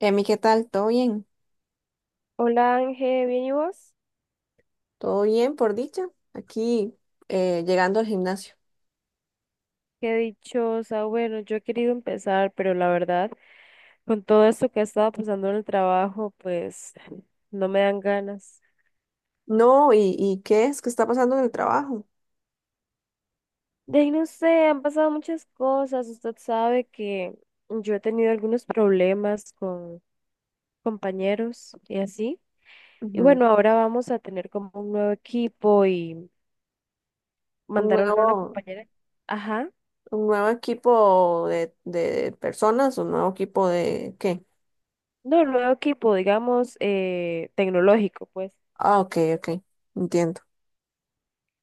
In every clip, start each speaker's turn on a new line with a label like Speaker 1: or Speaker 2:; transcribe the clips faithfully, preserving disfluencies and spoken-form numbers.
Speaker 1: Emi, ¿qué tal? ¿Todo bien?
Speaker 2: Hola Ángel, ¿bien y vos?
Speaker 1: ¿Todo bien, por dicha? Aquí eh, llegando al gimnasio.
Speaker 2: Qué dichosa. Bueno, yo he querido empezar, pero la verdad, con todo esto que ha estado pasando en el trabajo, pues no me dan ganas.
Speaker 1: No, ¿y, y qué es? ¿Qué está pasando en el trabajo?
Speaker 2: De ahí no sé, han pasado muchas cosas. Usted sabe que yo he tenido algunos problemas con compañeros y así. Y
Speaker 1: Ujú.
Speaker 2: bueno, ahora vamos a tener como un nuevo equipo y
Speaker 1: Un
Speaker 2: mandaron a una
Speaker 1: nuevo,
Speaker 2: compañera. Ajá.
Speaker 1: un nuevo equipo de, de personas, un nuevo equipo de ¿qué?
Speaker 2: No, nuevo equipo, digamos, eh, tecnológico, pues.
Speaker 1: Ah, ok, ok, entiendo.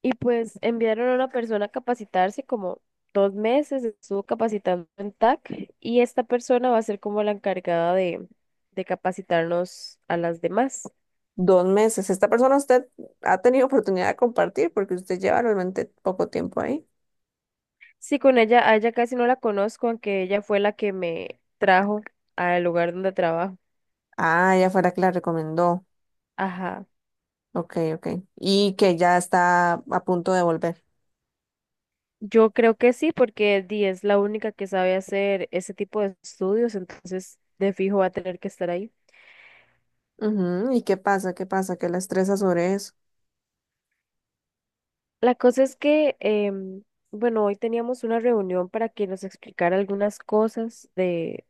Speaker 2: Y pues enviaron a una persona a capacitarse como dos meses, estuvo capacitando en T A C y esta persona va a ser como la encargada de, de capacitarnos a las demás.
Speaker 1: Dos meses. Esta persona, usted ha tenido oportunidad de compartir porque usted lleva realmente poco tiempo ahí.
Speaker 2: Sí, con ella, a ella casi no la conozco, aunque ella fue la que me trajo al lugar donde trabajo.
Speaker 1: Ah, ya fuera que la recomendó.
Speaker 2: Ajá.
Speaker 1: Ok, ok. Y que ya está a punto de volver.
Speaker 2: Yo creo que sí, porque Di es la única que sabe hacer ese tipo de estudios, entonces de fijo va a tener que estar ahí.
Speaker 1: Ujú, ¿y qué pasa? ¿Qué pasa, que la estresa sobre eso?
Speaker 2: La cosa es que, em, bueno, hoy teníamos una reunión para que nos explicara algunas cosas de,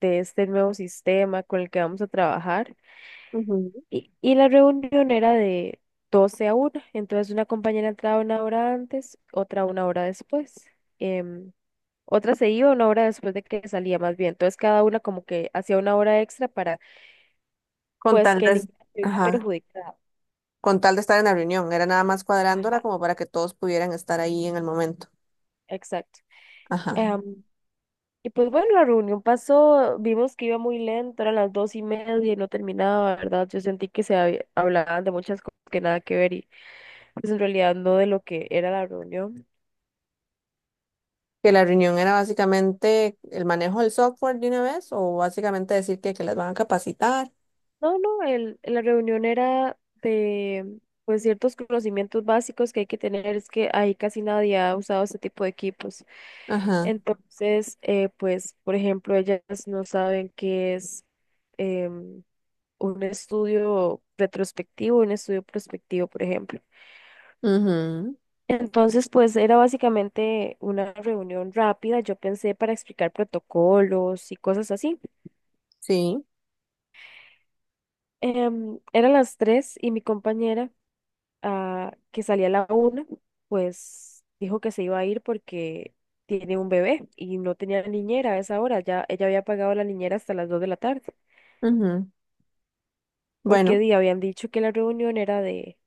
Speaker 2: de este nuevo sistema con el que vamos a trabajar.
Speaker 1: Ujú.
Speaker 2: Y, y la reunión era de doce a una. Entonces, una compañera entraba una hora antes, otra una hora después. em, Otra se iba una hora después de que salía más bien. Entonces, cada una como que hacía una hora extra para,
Speaker 1: Con
Speaker 2: pues,
Speaker 1: tal
Speaker 2: que
Speaker 1: de,
Speaker 2: ninguna se viera
Speaker 1: ajá,
Speaker 2: perjudicada.
Speaker 1: con tal de estar en la reunión, era nada más cuadrándola
Speaker 2: Ajá,
Speaker 1: como para que todos pudieran estar ahí en el momento.
Speaker 2: exacto.
Speaker 1: Ajá.
Speaker 2: Em, Y pues bueno, la reunión pasó, vimos que iba muy lento, eran las dos y media y no terminaba, ¿verdad? Yo sentí que se había- hablaban de muchas cosas que nada que ver y pues en realidad no de lo que era la reunión.
Speaker 1: ¿Que la reunión era básicamente el manejo del software de una vez, o básicamente decir que, que las van a capacitar?
Speaker 2: No, no, el, la reunión era de pues ciertos conocimientos básicos que hay que tener, es que ahí casi nadie ha usado este tipo de equipos.
Speaker 1: Ajá.
Speaker 2: Entonces, eh, pues, por ejemplo, ellas no saben qué es, em, un estudio retrospectivo, un estudio prospectivo, por ejemplo.
Speaker 1: Ujú.
Speaker 2: Entonces, pues era básicamente una reunión rápida, yo pensé, para explicar protocolos y cosas así.
Speaker 1: Sí.
Speaker 2: Em, eran las tres y mi compañera, ah, que salía a la una, pues dijo que se iba a ir porque tiene un bebé y no tenía niñera a esa hora, ya ella había pagado la niñera hasta las dos de la tarde,
Speaker 1: Ujú.
Speaker 2: porque
Speaker 1: Bueno,
Speaker 2: di, habían dicho que la reunión era de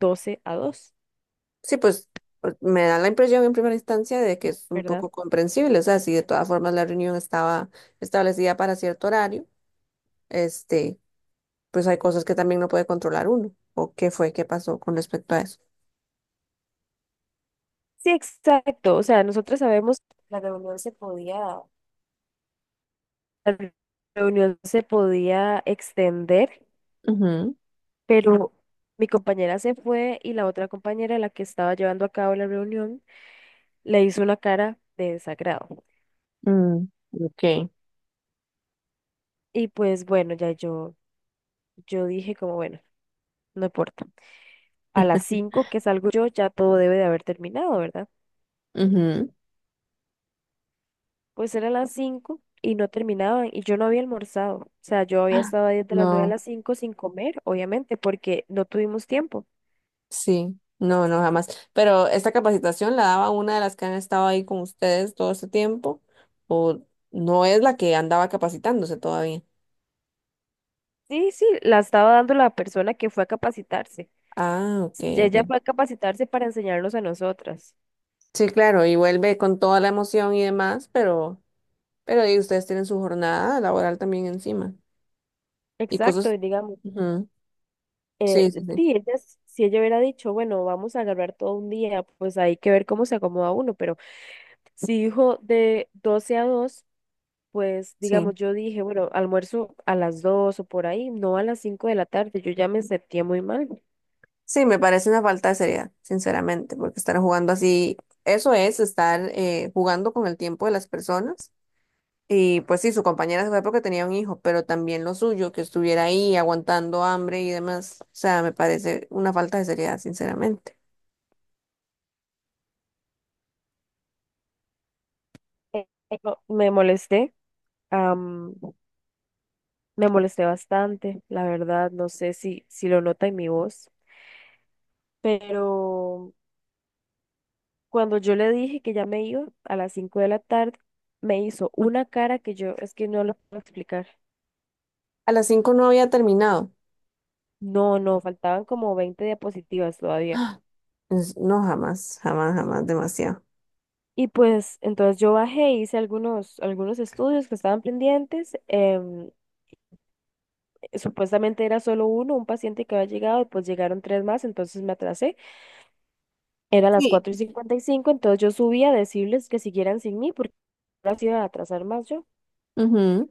Speaker 2: doce a dos,
Speaker 1: sí, pues, pues me da la impresión en primera instancia de que es un
Speaker 2: ¿verdad?
Speaker 1: poco comprensible. O sea, si de todas formas la reunión estaba establecida para cierto horario, este, pues hay cosas que también no puede controlar uno. ¿O qué fue? ¿Qué pasó con respecto a eso?
Speaker 2: Sí, exacto, o sea, nosotros sabemos que la reunión se podía La reunión se podía extender,
Speaker 1: Ujú.
Speaker 2: pero mi compañera se fue y la otra compañera, la que estaba llevando a cabo la reunión, le hizo una cara de desagrado.
Speaker 1: Mm, ok.
Speaker 2: Y pues bueno, ya yo, yo dije como, bueno, no importa. A las cinco, que salgo yo, ya todo debe de haber terminado, ¿verdad?
Speaker 1: Ujú.
Speaker 2: Pues eran las cinco y no terminaban y yo no había almorzado. O sea, yo había
Speaker 1: Ah,
Speaker 2: estado ahí desde las nueve a
Speaker 1: no,
Speaker 2: las cinco sin comer, obviamente, porque no tuvimos tiempo.
Speaker 1: sí, no, no, jamás. Pero esta capacitación la daba una de las que han estado ahí con ustedes todo este tiempo, o no es la que andaba capacitándose todavía.
Speaker 2: Sí, sí, la estaba dando la persona que fue a capacitarse.
Speaker 1: Ah, ok,
Speaker 2: Ella
Speaker 1: ok.
Speaker 2: fue a capacitarse para enseñarnos a nosotras.
Speaker 1: Sí, claro, y vuelve con toda la emoción y demás, pero, pero y ustedes tienen su jornada laboral también encima. Y
Speaker 2: Exacto,
Speaker 1: cosas.
Speaker 2: y digamos,
Speaker 1: Ujú.
Speaker 2: eh,
Speaker 1: Sí, sí, sí.
Speaker 2: sí, ella s- si ella hubiera dicho, bueno, vamos a agarrar todo un día, pues hay que ver cómo se acomoda uno, pero si dijo de doce a dos, pues
Speaker 1: Sí.
Speaker 2: digamos, yo dije, bueno, almuerzo a las dos o por ahí, no a las cinco de la tarde, yo ya me sentía muy mal.
Speaker 1: Sí, me parece una falta de seriedad, sinceramente, porque estar jugando así, eso es estar eh, jugando con el tiempo de las personas. Y pues sí, su compañera se fue porque tenía un hijo, pero también lo suyo, que estuviera ahí aguantando hambre y demás. O sea, me parece una falta de seriedad, sinceramente.
Speaker 2: Eh, no, me molesté, am, me molesté bastante, la verdad, no sé si, si lo nota en mi voz, pero... Cuando yo le dije que ya me iba a las cinco de la tarde, me hizo una cara que yo es que no lo puedo explicar.
Speaker 1: A las cinco no había terminado.
Speaker 2: No, no, faltaban como veinte diapositivas todavía.
Speaker 1: Es- No, jamás, jamás, jamás, demasiado.
Speaker 2: Y pues entonces yo bajé, hice algunos, algunos estudios que estaban pendientes. Em, supuestamente era solo uno, un paciente que había llegado, y pues llegaron tres más, entonces me atrasé. Eran las
Speaker 1: Sí.
Speaker 2: cuatro y cincuenta y cinco. Entonces yo subí a decirles que siguieran sin mí porque ahora sí iba a atrasar más yo.
Speaker 1: Ujú.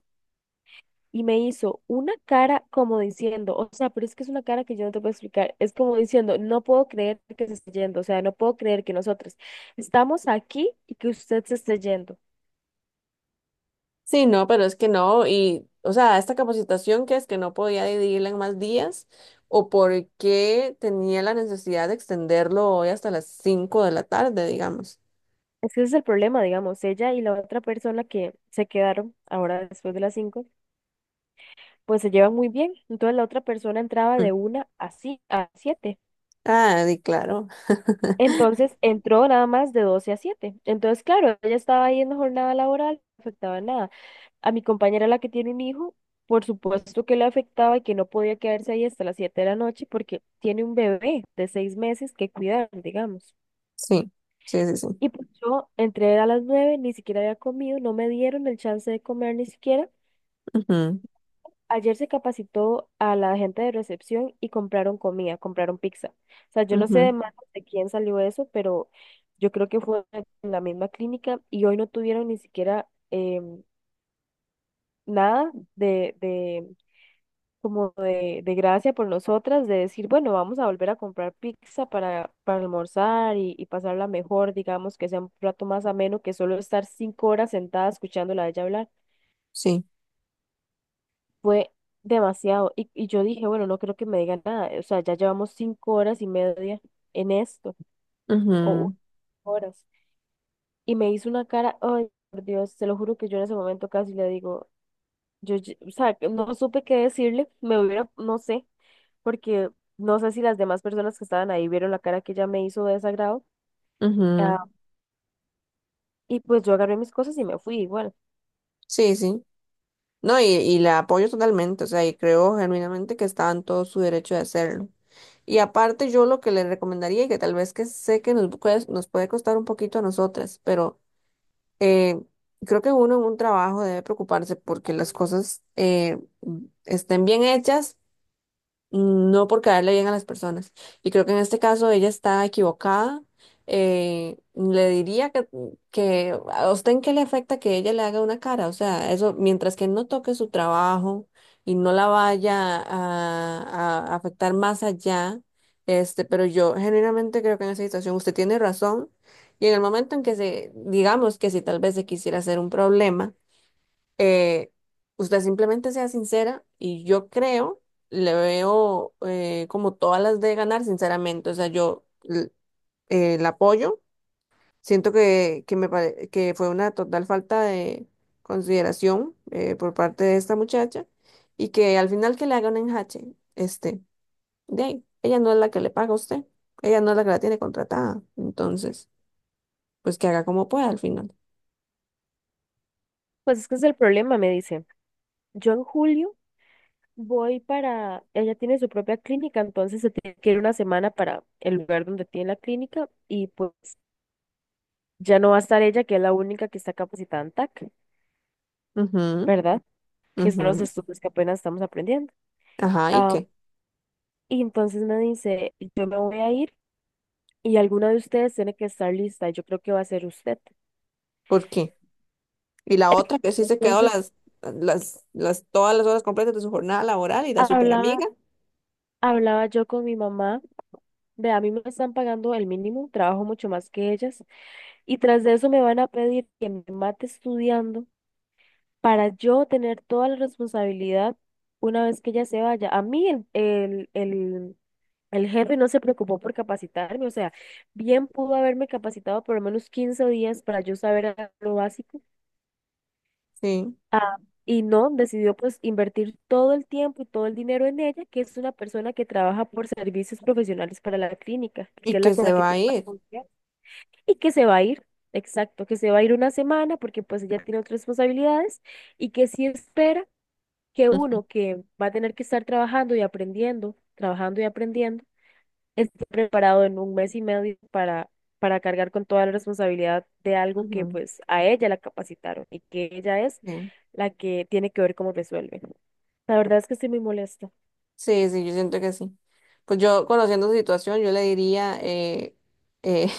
Speaker 2: Y me hizo una cara como diciendo, o sea, pero es que es una cara que yo no te puedo explicar, es como diciendo, no puedo creer que se esté yendo, o sea, no puedo creer que nosotros estamos aquí y que usted se esté yendo.
Speaker 1: Sí, no, pero es que no, y, o sea, esta capacitación, que es que no podía dividirla en más días, o por qué tenía la necesidad de extenderlo hoy hasta las cinco de la tarde, digamos.
Speaker 2: Es que ese es el problema, digamos, ella y la otra persona que se quedaron ahora después de las cinco, pues se llevan muy bien. Entonces la otra persona entraba
Speaker 1: Mm.
Speaker 2: de una a, ci- a siete.
Speaker 1: Ah, di claro.
Speaker 2: Entonces entró nada más de doce a siete. Entonces, claro, ella estaba ahí en la jornada laboral, no afectaba nada. A mi compañera, la que tiene un hijo, por supuesto que le afectaba y que no podía quedarse ahí hasta las siete de la noche porque tiene un bebé de seis meses que cuidar, digamos.
Speaker 1: Sí, sí, sí, sí.
Speaker 2: Y pues yo entré a las nueve, ni siquiera había comido, no me dieron el chance de comer ni siquiera.
Speaker 1: Ujú,
Speaker 2: Ayer se capacitó a la gente de recepción y compraron comida, compraron pizza. O sea, yo no sé
Speaker 1: ujú,
Speaker 2: de manos de quién salió eso, pero yo creo que fue en la misma clínica y hoy no tuvieron ni siquiera, em, nada de, de como de, de gracia por nosotras, de decir, bueno, vamos a volver a comprar pizza para, para almorzar y, y pasarla mejor, digamos, que sea un plato más ameno que solo estar cinco horas sentada escuchándola a ella hablar.
Speaker 1: sí,
Speaker 2: Fue demasiado. Y, y yo dije, bueno, no creo que me digan nada. O sea, ya llevamos cinco horas y media en esto, o u-
Speaker 1: ujú,
Speaker 2: horas. Y me hizo una cara, ay, por Dios, te lo juro que yo en ese momento casi le digo, yo, ye- o sea, que no supe qué decirle, me hubiera, no sé, porque no sé si las demás personas que estaban ahí vieron la cara que ella me hizo de desagrado.
Speaker 1: ujú.
Speaker 2: Ah, y pues yo agarré mis cosas y me fui igual.
Speaker 1: Sí, sí. No, y, y la apoyo totalmente, o sea, y creo genuinamente que está en todo su derecho de hacerlo. Y aparte yo lo que le recomendaría, y que tal vez que sé que nos puede, nos puede costar un poquito a nosotras, pero eh, creo que uno en un trabajo debe preocuparse porque las cosas eh, estén bien hechas, no por caerle bien a las personas. Y creo que en este caso ella está equivocada. Eh, le diría que, que a usted en qué le afecta que ella le haga una cara. O sea, eso, mientras que no toque su trabajo y no la vaya a, a afectar más allá, este, pero yo genuinamente creo que en esa situación usted tiene razón. Y en el momento en que se, digamos, que si tal vez se quisiera hacer un problema, eh, usted simplemente sea sincera y yo creo, le veo eh, como todas las de ganar, sinceramente. O sea, yo l- eh, la apoyo. Siento que, que, me pare- que fue una total falta de consideración eh, por parte de esta muchacha y que al final que le haga un enjache, este, de ahí, ella no es la que le paga a usted, ella no es la que la tiene contratada. Entonces, pues que haga como pueda al final.
Speaker 2: Pues es que es el problema, me dice. Yo en julio voy para, ella tiene su propia clínica, entonces se tiene que ir una semana para el lugar donde tiene la clínica y pues ya no va a estar ella, que es la única que está capacitada en T A C,
Speaker 1: Ujú,
Speaker 2: ¿verdad? Que son los
Speaker 1: ujú.
Speaker 2: estudios que apenas estamos aprendiendo.
Speaker 1: Ajá, ¿y
Speaker 2: Ah,
Speaker 1: qué?
Speaker 2: y entonces me dice, yo me voy a ir y alguna de ustedes tiene que estar lista, y yo creo que va a ser usted.
Speaker 1: ¿Por qué? Y la otra que sí se quedó
Speaker 2: Entonces
Speaker 1: las, las, las, todas las horas completas de su jornada laboral, y la super
Speaker 2: hablaba,
Speaker 1: amiga.
Speaker 2: hablaba yo con mi mamá, ve, a mí me están pagando el mínimo, trabajo mucho más que ellas. Y tras de eso me van a pedir que me mate estudiando para yo tener toda la responsabilidad una vez que ella se vaya. A mí el, el, el, el jefe no se preocupó por capacitarme, o sea, bien pudo haberme capacitado por lo menos quince días para yo saber a- lo básico.
Speaker 1: Sí.
Speaker 2: Ah, y no, decidió pues invertir todo el tiempo y todo el dinero en ella, que es una persona que trabaja por servicios profesionales para la clínica, que
Speaker 1: Y
Speaker 2: es la
Speaker 1: que
Speaker 2: con
Speaker 1: se
Speaker 2: la que
Speaker 1: va a
Speaker 2: tiene más
Speaker 1: ir.
Speaker 2: confianza, y que se va a ir, exacto, que se va a ir una semana porque pues ella tiene otras responsabilidades y que sí espera que uno que va a tener que estar trabajando y aprendiendo, trabajando y aprendiendo, esté preparado en un mes y medio para, para cargar con toda la responsabilidad de algo que
Speaker 1: Ujú.
Speaker 2: pues a ella la capacitaron y que ella es
Speaker 1: Sí.
Speaker 2: la que tiene que ver cómo resuelve. La verdad es que estoy muy molesta,
Speaker 1: Sí, sí, yo siento que sí. Pues yo, conociendo su situación, yo le diría eh, eh,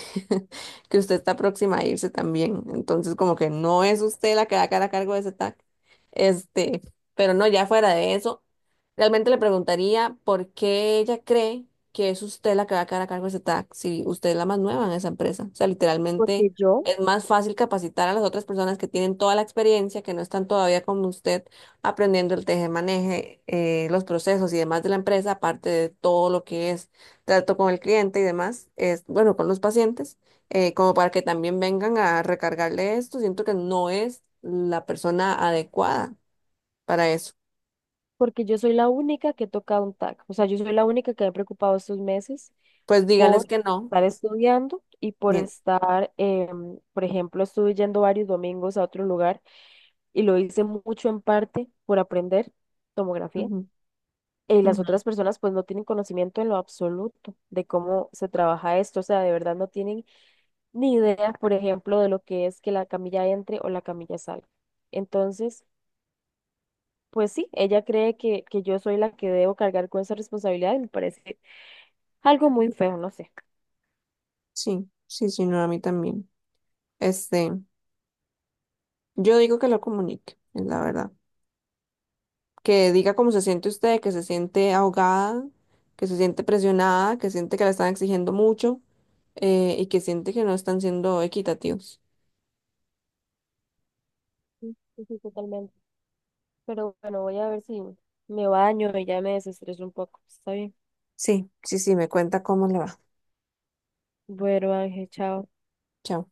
Speaker 1: que usted está próxima a irse también. Entonces, como que no es usted la que va a quedar a cargo de ese TAC. Este, pero no, ya fuera de eso, realmente le preguntaría por qué ella cree que es usted la que va a quedar a cargo de ese TAC, si usted es la más nueva en esa empresa. O sea, literalmente
Speaker 2: porque yo,
Speaker 1: es más fácil capacitar a las otras personas que tienen toda la experiencia, que no están todavía como usted aprendiendo el teje-maneje, eh, los procesos y demás de la empresa, aparte de todo lo que es trato con el cliente y demás, es, bueno, con los pacientes, eh, como para que también vengan a recargarle esto. Siento que no es la persona adecuada para eso.
Speaker 2: porque yo soy la única que toca un T A C, o sea, yo soy la única que me he preocupado estos meses
Speaker 1: Pues dígales
Speaker 2: por
Speaker 1: que no.
Speaker 2: estar estudiando y por
Speaker 1: Bien.
Speaker 2: estar, em, por ejemplo, estuve yendo varios domingos a otro lugar y lo hice mucho en parte por aprender tomografía.
Speaker 1: Ujú,
Speaker 2: Y las
Speaker 1: ujú.
Speaker 2: otras personas pues no tienen conocimiento en lo absoluto de cómo se trabaja esto, o sea, de verdad no tienen ni idea, por ejemplo, de lo que es que la camilla entre o la camilla salga. Entonces, pues sí, ella cree que, que yo soy la que debo cargar con esa responsabilidad y me parece algo muy feo, no sé.
Speaker 1: Sí, sí, sí, no, a mí también. Este, yo digo que lo comunique, es la verdad. Que diga cómo se siente usted, que se siente ahogada, que se siente presionada, que siente que la están exigiendo mucho, eh, y que siente que no están siendo equitativos.
Speaker 2: Sí, sí, sí, totalmente. Pero bueno, voy a ver si me baño y ya me desestreso un poco. Está bien.
Speaker 1: Sí, sí, sí, me cuenta cómo le va.
Speaker 2: Bueno, Ángel, chao.
Speaker 1: Chao.